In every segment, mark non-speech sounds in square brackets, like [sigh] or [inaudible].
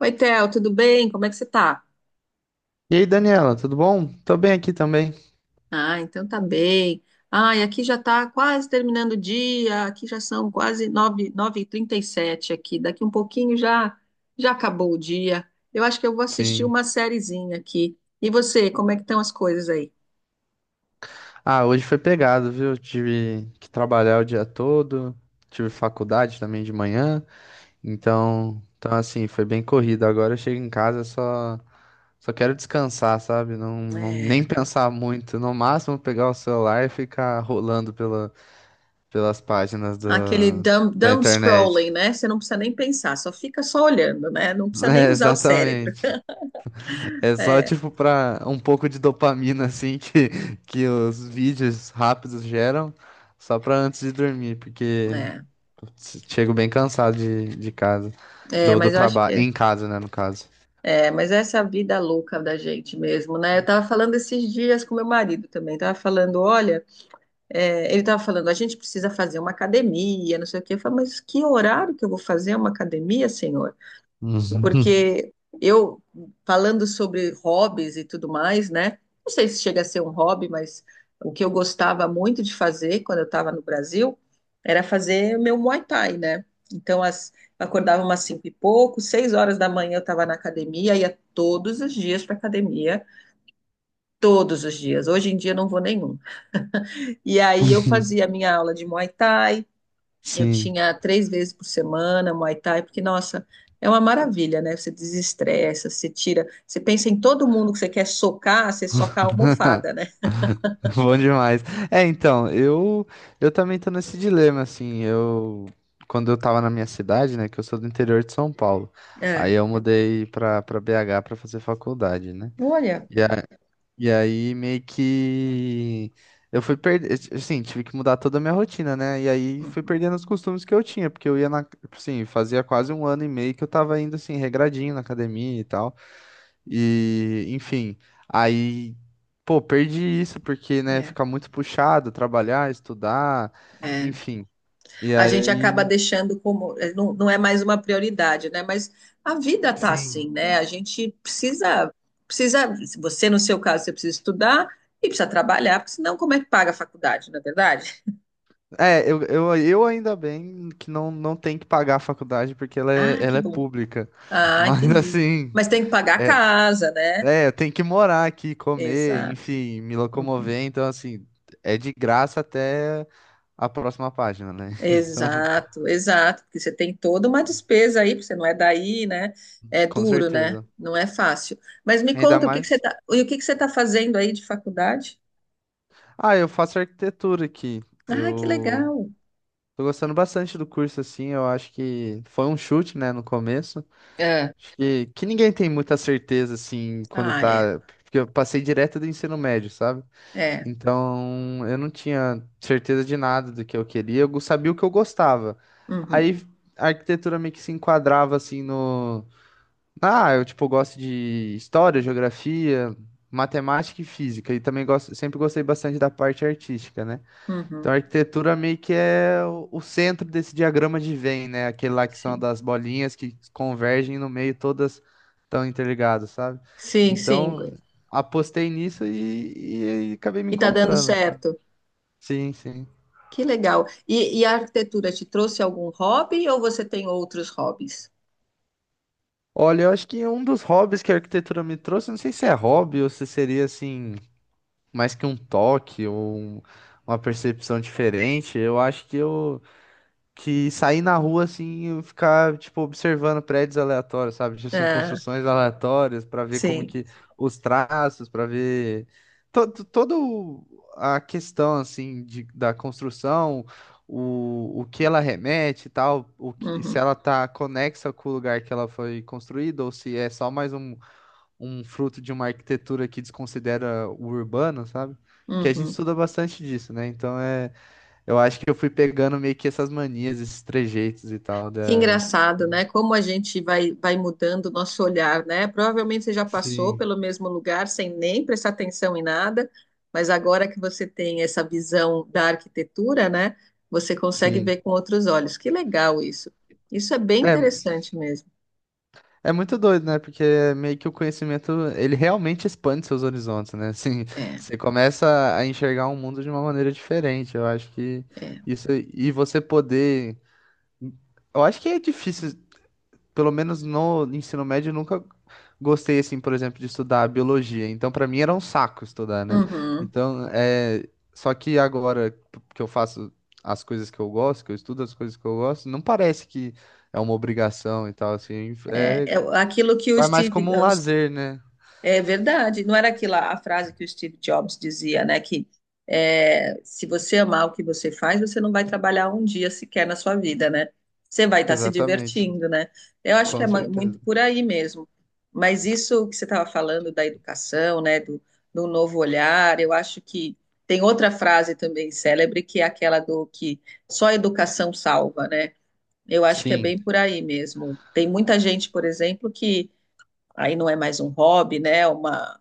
Oi, Theo, tudo bem? Como é que você tá? E aí, Daniela, tudo bom? Tô bem aqui também. Ah, então tá bem. Ah, e aqui já tá quase terminando o dia, aqui já são quase nove, nove e trinta e sete aqui. Daqui um pouquinho já já acabou o dia. Eu acho que eu vou assistir Sim. uma sériezinha aqui. E você, como é que estão as coisas aí? Ah, hoje foi pegado, viu? Tive que trabalhar o dia todo, tive faculdade também de manhã, então assim, foi bem corrido. Agora eu chego em casa, só quero descansar, sabe? Não, É. nem pensar muito, no máximo pegar o celular e ficar rolando pelas páginas Aquele da dumb, da dumb internet. scrolling, né? Você não precisa nem pensar, só fica só olhando, né? Não [laughs] precisa nem É, usar o cérebro. exatamente. É só É, tipo pra um pouco de dopamina assim [laughs] que os vídeos rápidos geram, só pra antes de dormir, porque é, chego bem cansado de casa, é, do mas eu acho que trabalho, é. em casa, né, no caso. É, mas essa é a vida louca da gente mesmo, né? Eu tava falando esses dias com meu marido também, tava falando, olha, ele tava falando, a gente precisa fazer uma academia, não sei o quê. Eu falei, mas que horário que eu vou fazer uma academia, senhor? Uhum. Porque eu, falando sobre hobbies e tudo mais, né? Não sei se chega a ser um hobby, mas o que eu gostava muito de fazer quando eu estava no Brasil era fazer o meu Muay Thai, né? Então, eu acordava umas cinco e pouco, seis horas da manhã eu estava na academia, ia todos os dias para academia, todos os dias. Hoje em dia eu não vou nenhum. E aí eu fazia a [laughs] minha aula de Muay Thai, eu Sim, tinha três vezes por semana Muay Thai, porque, nossa, é uma maravilha, né? Você desestressa, você tira. Você pensa em todo mundo que você quer socar, você soca a almofada, né? [laughs] bom demais. É, então, eu também tô nesse dilema assim, eu quando eu tava na minha cidade, né, que eu sou do interior de São Paulo. É. Aí eu mudei pra para BH pra fazer faculdade, né? Olha. E a- E aí meio que eu fui perder, assim, tive que mudar toda a minha rotina, né? E aí fui perdendo os costumes que eu tinha, porque eu ia assim, fazia quase um ano e meio que eu tava indo assim regradinho na academia e tal. E, enfim, aí pô, perdi isso porque, né, É, fica muito puxado, trabalhar, estudar, é. enfim. E A gente aí, acaba deixando. Não, não é mais uma prioridade, né? Mas a vida tá assim, sim. né? A gente precisa. Precisa. Se Você, no seu caso, você precisa estudar e precisa trabalhar, porque senão, como é que paga a faculdade, não é verdade? É, eu ainda bem que não tem que pagar a faculdade porque Ah, que ela é bom. pública. [laughs] Ah, Mas entendi. assim, Mas tem que pagar a é, casa, né? É, eu tenho que morar aqui, comer, Exato. enfim, me Uhum. locomover. Então, assim, é de graça até a próxima página, né? [laughs] Então, Exato, exato, porque você tem toda uma despesa aí, porque você não é daí, né? É com duro, né? certeza. Não é fácil. Mas me Ainda conta, o que que você mais. tá, e o que que você está fazendo aí de faculdade? Ah, eu faço arquitetura aqui. Ah, que Eu legal. tô gostando bastante do curso, assim. Eu acho que foi um chute, né, no começo. É. Acho que ninguém tem muita certeza, assim, quando Ah, é. tá. Porque eu passei direto do ensino médio, sabe? É. Então, eu não tinha certeza de nada do que eu queria, eu sabia o que eu gostava. Uhum. Aí a arquitetura meio que se enquadrava assim no. Ah, eu tipo gosto de história, geografia, matemática e física, e também gosto, sempre gostei bastante da parte artística, né? Então Uhum. a arquitetura meio que é o centro desse diagrama de Venn, né? Aquele lá que são Sim. das bolinhas que convergem no meio, todas estão interligadas, sabe? Sim, sim. Então, apostei nisso e acabei me E tá dando encontrando. certo. Sim, sim. Que legal. E a arquitetura te trouxe algum hobby ou você tem outros hobbies? Olha, eu acho que um dos hobbies que a arquitetura me trouxe, não sei se é hobby ou se seria assim, mais que um toque ou uma percepção diferente, eu acho que sair na rua assim e ficar tipo observando prédios aleatórios, sabe? Tipo assim, Ah, construções aleatórias pra ver como sim. que os traços, pra ver toda a questão assim da construção, o que ela remete e tal, o que se Uhum. ela tá conexa com o lugar que ela foi construída ou se é só mais um, um fruto de uma arquitetura que desconsidera o urbano, sabe? Que a gente Uhum. estuda bastante disso, né? Então é eu acho que eu fui pegando meio que essas manias, esses trejeitos e tal Que da. engraçado, né? Como a gente vai mudando o nosso olhar, né? Provavelmente você já passou Sim, pelo mesmo lugar sem nem prestar atenção em nada, mas agora que você tem essa visão da arquitetura, né? Você consegue sim. ver com outros olhos. Que legal isso. Isso é bem É, interessante mesmo. é muito doido, né? Porque meio que o conhecimento, ele realmente expande seus horizontes, né? Assim, É, você começa a enxergar o mundo de uma maneira diferente. Eu acho que é. isso. E você poder. Eu acho que é difícil pelo menos no ensino médio, eu nunca gostei, assim, por exemplo, de estudar biologia. Então, pra mim era um saco estudar, né? Uhum. Então, é... só que agora que eu faço as coisas que eu gosto, que eu estudo as coisas que eu gosto, não parece que é uma obrigação e tal, assim. É, É... é aquilo que o Vai mais Steve. como um lazer, né? É verdade. Não era aquela a frase que o Steve Jobs dizia, né? Que se você amar o que você faz, você não vai trabalhar um dia sequer na sua vida, né? Você vai estar se Exatamente. divertindo, né? Eu acho que é Com muito certeza. por aí mesmo. Mas isso que você estava falando da educação, né? Do novo olhar, eu acho que tem outra frase também célebre, que é aquela do que só a educação salva, né? Eu acho que é Sim, bem por aí mesmo. Tem muita gente, por exemplo, que aí não é mais um hobby, né? Uma,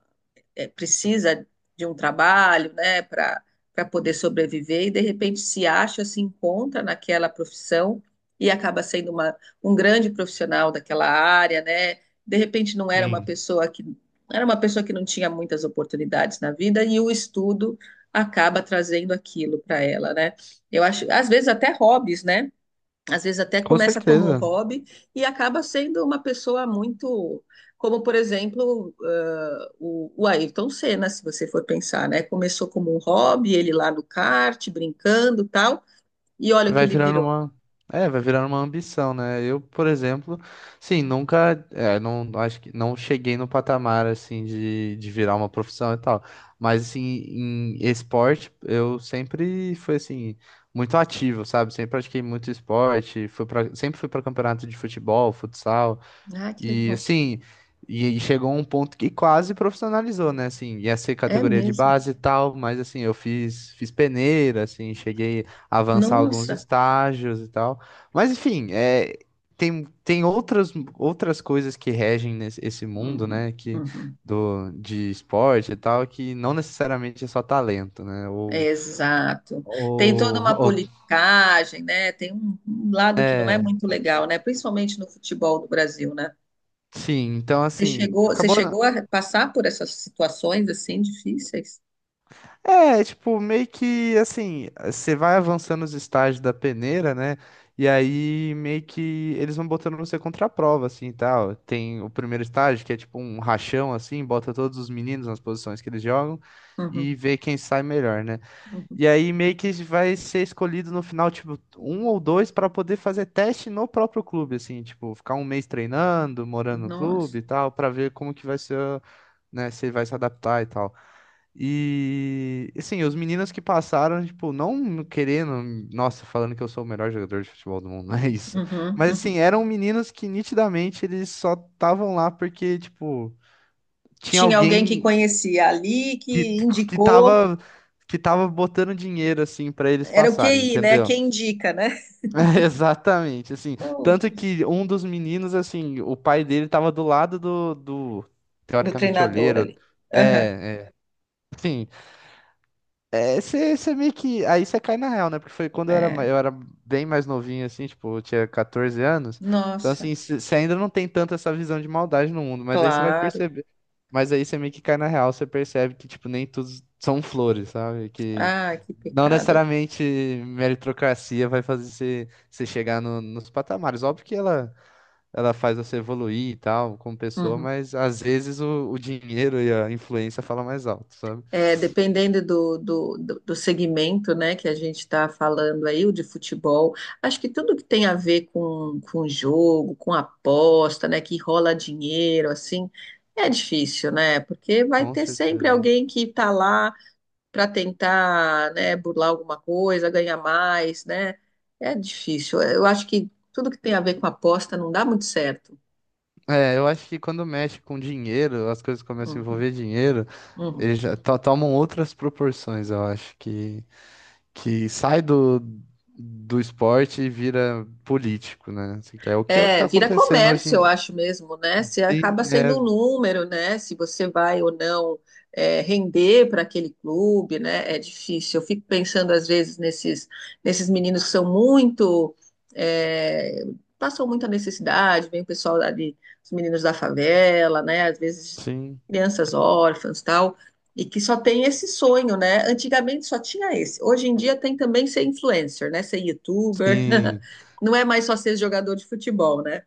é, Precisa de um trabalho, né, para poder sobreviver e de repente se acha, se encontra naquela profissão e acaba sendo uma, um grande profissional daquela área, né? De repente não era uma sim. pessoa que era uma pessoa que não tinha muitas oportunidades na vida e o estudo acaba trazendo aquilo para ela, né? Eu acho, às vezes até hobbies, né? Às vezes até Com começa como um certeza. hobby e acaba sendo uma pessoa muito, como por exemplo, o Ayrton Senna, se você for pensar, né? Começou como um hobby, ele lá no kart, brincando, e tal, e olha o que Vai ele virando virou. uma. É, vai virando uma ambição, né? Eu, por exemplo, sim, nunca. É, não, acho que não cheguei no patamar, assim, de virar uma profissão e tal. Mas, assim, em esporte, eu sempre fui, assim, muito ativo, sabe? Sempre pratiquei muito esporte. Sempre fui para campeonato de futebol, futsal. Ah, que E legal. assim, e chegou um ponto que quase profissionalizou, né? Assim, ia ser É categoria de mesmo. base e tal, mas assim, eu fiz peneira, assim, cheguei a avançar alguns Nossa. estágios e tal. Mas enfim, é, tem outras, outras coisas que regem nesse, esse mundo, Uhum, né? Que, uhum. De esporte e tal, que não necessariamente é só talento, né? Exato. Tem toda [laughs] uma ou politicagem, né? Tem um lado que não é muito legal, né? Principalmente no futebol do Brasil, né? sim, então Você assim, chegou, você acabou. chegou a passar por essas situações assim difíceis? É, tipo, meio que assim, você vai avançando os estágios da peneira, né? E aí meio que eles vão botando você contra a prova, assim, e tal. Tem o primeiro estágio, que é tipo um rachão, assim, bota todos os meninos nas posições que eles jogam Uhum, e vê quem sai melhor, né? uhum. E aí meio que vai ser escolhido no final, tipo, um ou dois para poder fazer teste no próprio clube, assim, tipo, ficar um mês treinando, morando no clube Nossa. e tal, para ver como que vai ser, né, se ele vai se adaptar e tal. E assim, os meninos que passaram, tipo, não querendo, nossa, falando que eu sou o melhor jogador de futebol do mundo, [laughs] não é isso. Uhum, Mas uhum. assim, eram meninos que nitidamente eles só estavam lá porque, tipo, tinha Tinha alguém que alguém conhecia ali, que, que que indicou. Tava botando dinheiro assim pra eles Era o passarem, QI, né? entendeu? Quem [laughs] indica, né? É, Exatamente, assim, tanto Puts, que um dos meninos, assim, o pai dele tava do lado do do teoricamente treinador olheiro. ali. Aham. É. Sim, É, você meio que. Aí você cai na real, né? Porque foi quando eu era, É. eu era bem mais novinho, assim, tipo, eu tinha 14 anos. Então, Nossa, assim, você ainda não tem tanto essa visão de maldade no mundo, mas aí você vai claro. perceber. Mas aí você meio que cai na real, você percebe que, tipo, nem tudo são flores, sabe? Que Ai, que não pecado. necessariamente meritocracia vai fazer você chegar nos patamares. Óbvio que ela faz você evoluir e tal, como pessoa, Uhum. mas às vezes o dinheiro e a influência falam mais alto, sabe? É, dependendo do segmento, né, que a gente está falando aí, o de futebol, acho que tudo que tem a ver com jogo, com aposta, né, que rola dinheiro, assim, é difícil, né, porque vai Com ter sempre certeza. alguém que está lá para tentar, né, burlar alguma coisa, ganhar mais, né, é difícil. Eu acho que tudo que tem a ver com aposta não dá muito certo. É, eu acho que quando mexe com dinheiro, as coisas começam a Uhum, envolver dinheiro, uhum. eles já tomam outras proporções, eu acho, que sai do esporte e vira político, né? Assim, que é o que é que tá É, É, vira acontecendo hoje comércio, em eu dia. acho mesmo, né? Você acaba Sim, sendo é, um número, né? Se você vai ou não render para aquele clube, né? É difícil. Eu fico pensando, às vezes, nesses meninos que são muito. é, Passam muita necessidade, vem o pessoal ali, os meninos da favela, né? Às vezes, sim, crianças órfãs tal, e que só tem esse sonho, né? Antigamente só tinha esse. Hoje em dia tem também ser influencer, né? Ser youtuber. [laughs] sim. Não é mais só ser jogador de futebol, né?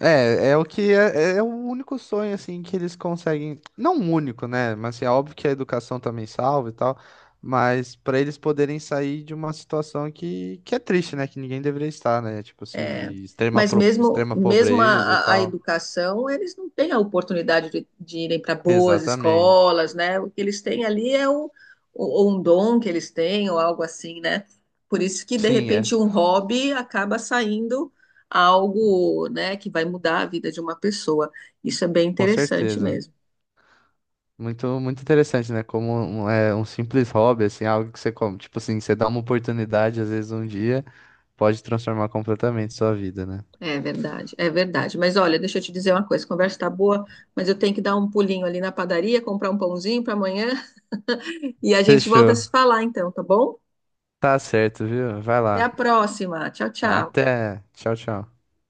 É, é o que é, é é o único sonho assim que eles conseguem, não o único, né? Mas assim, é óbvio que a educação também salva e tal, mas pra eles poderem sair de uma situação que é triste, né? Que ninguém deveria estar, né? Tipo assim, É, de extrema, mas mesmo, extrema mesmo a, pobreza e a- a tal. educação, eles não têm a oportunidade de irem para boas Exatamente. escolas, né? O que eles têm ali é um dom que eles têm, ou algo assim, né? Por isso que, de Sim, é, repente, um hobby acaba saindo algo, né, que vai mudar a vida de uma pessoa. Isso é bem com interessante certeza. mesmo. Muito, muito interessante, né? Como um, é, um simples hobby, assim, algo que você come, tipo assim, você dá uma oportunidade às vezes um dia, pode transformar completamente sua vida, né? É verdade, é verdade. Mas olha, deixa eu te dizer uma coisa, a conversa tá boa, mas eu tenho que dar um pulinho ali na padaria, comprar um pãozinho para amanhã. E a gente volta a Fechou. se falar então, tá bom? Tá certo, viu? Vai Até a lá. próxima. Tchau, tchau. Até. Tchau, tchau.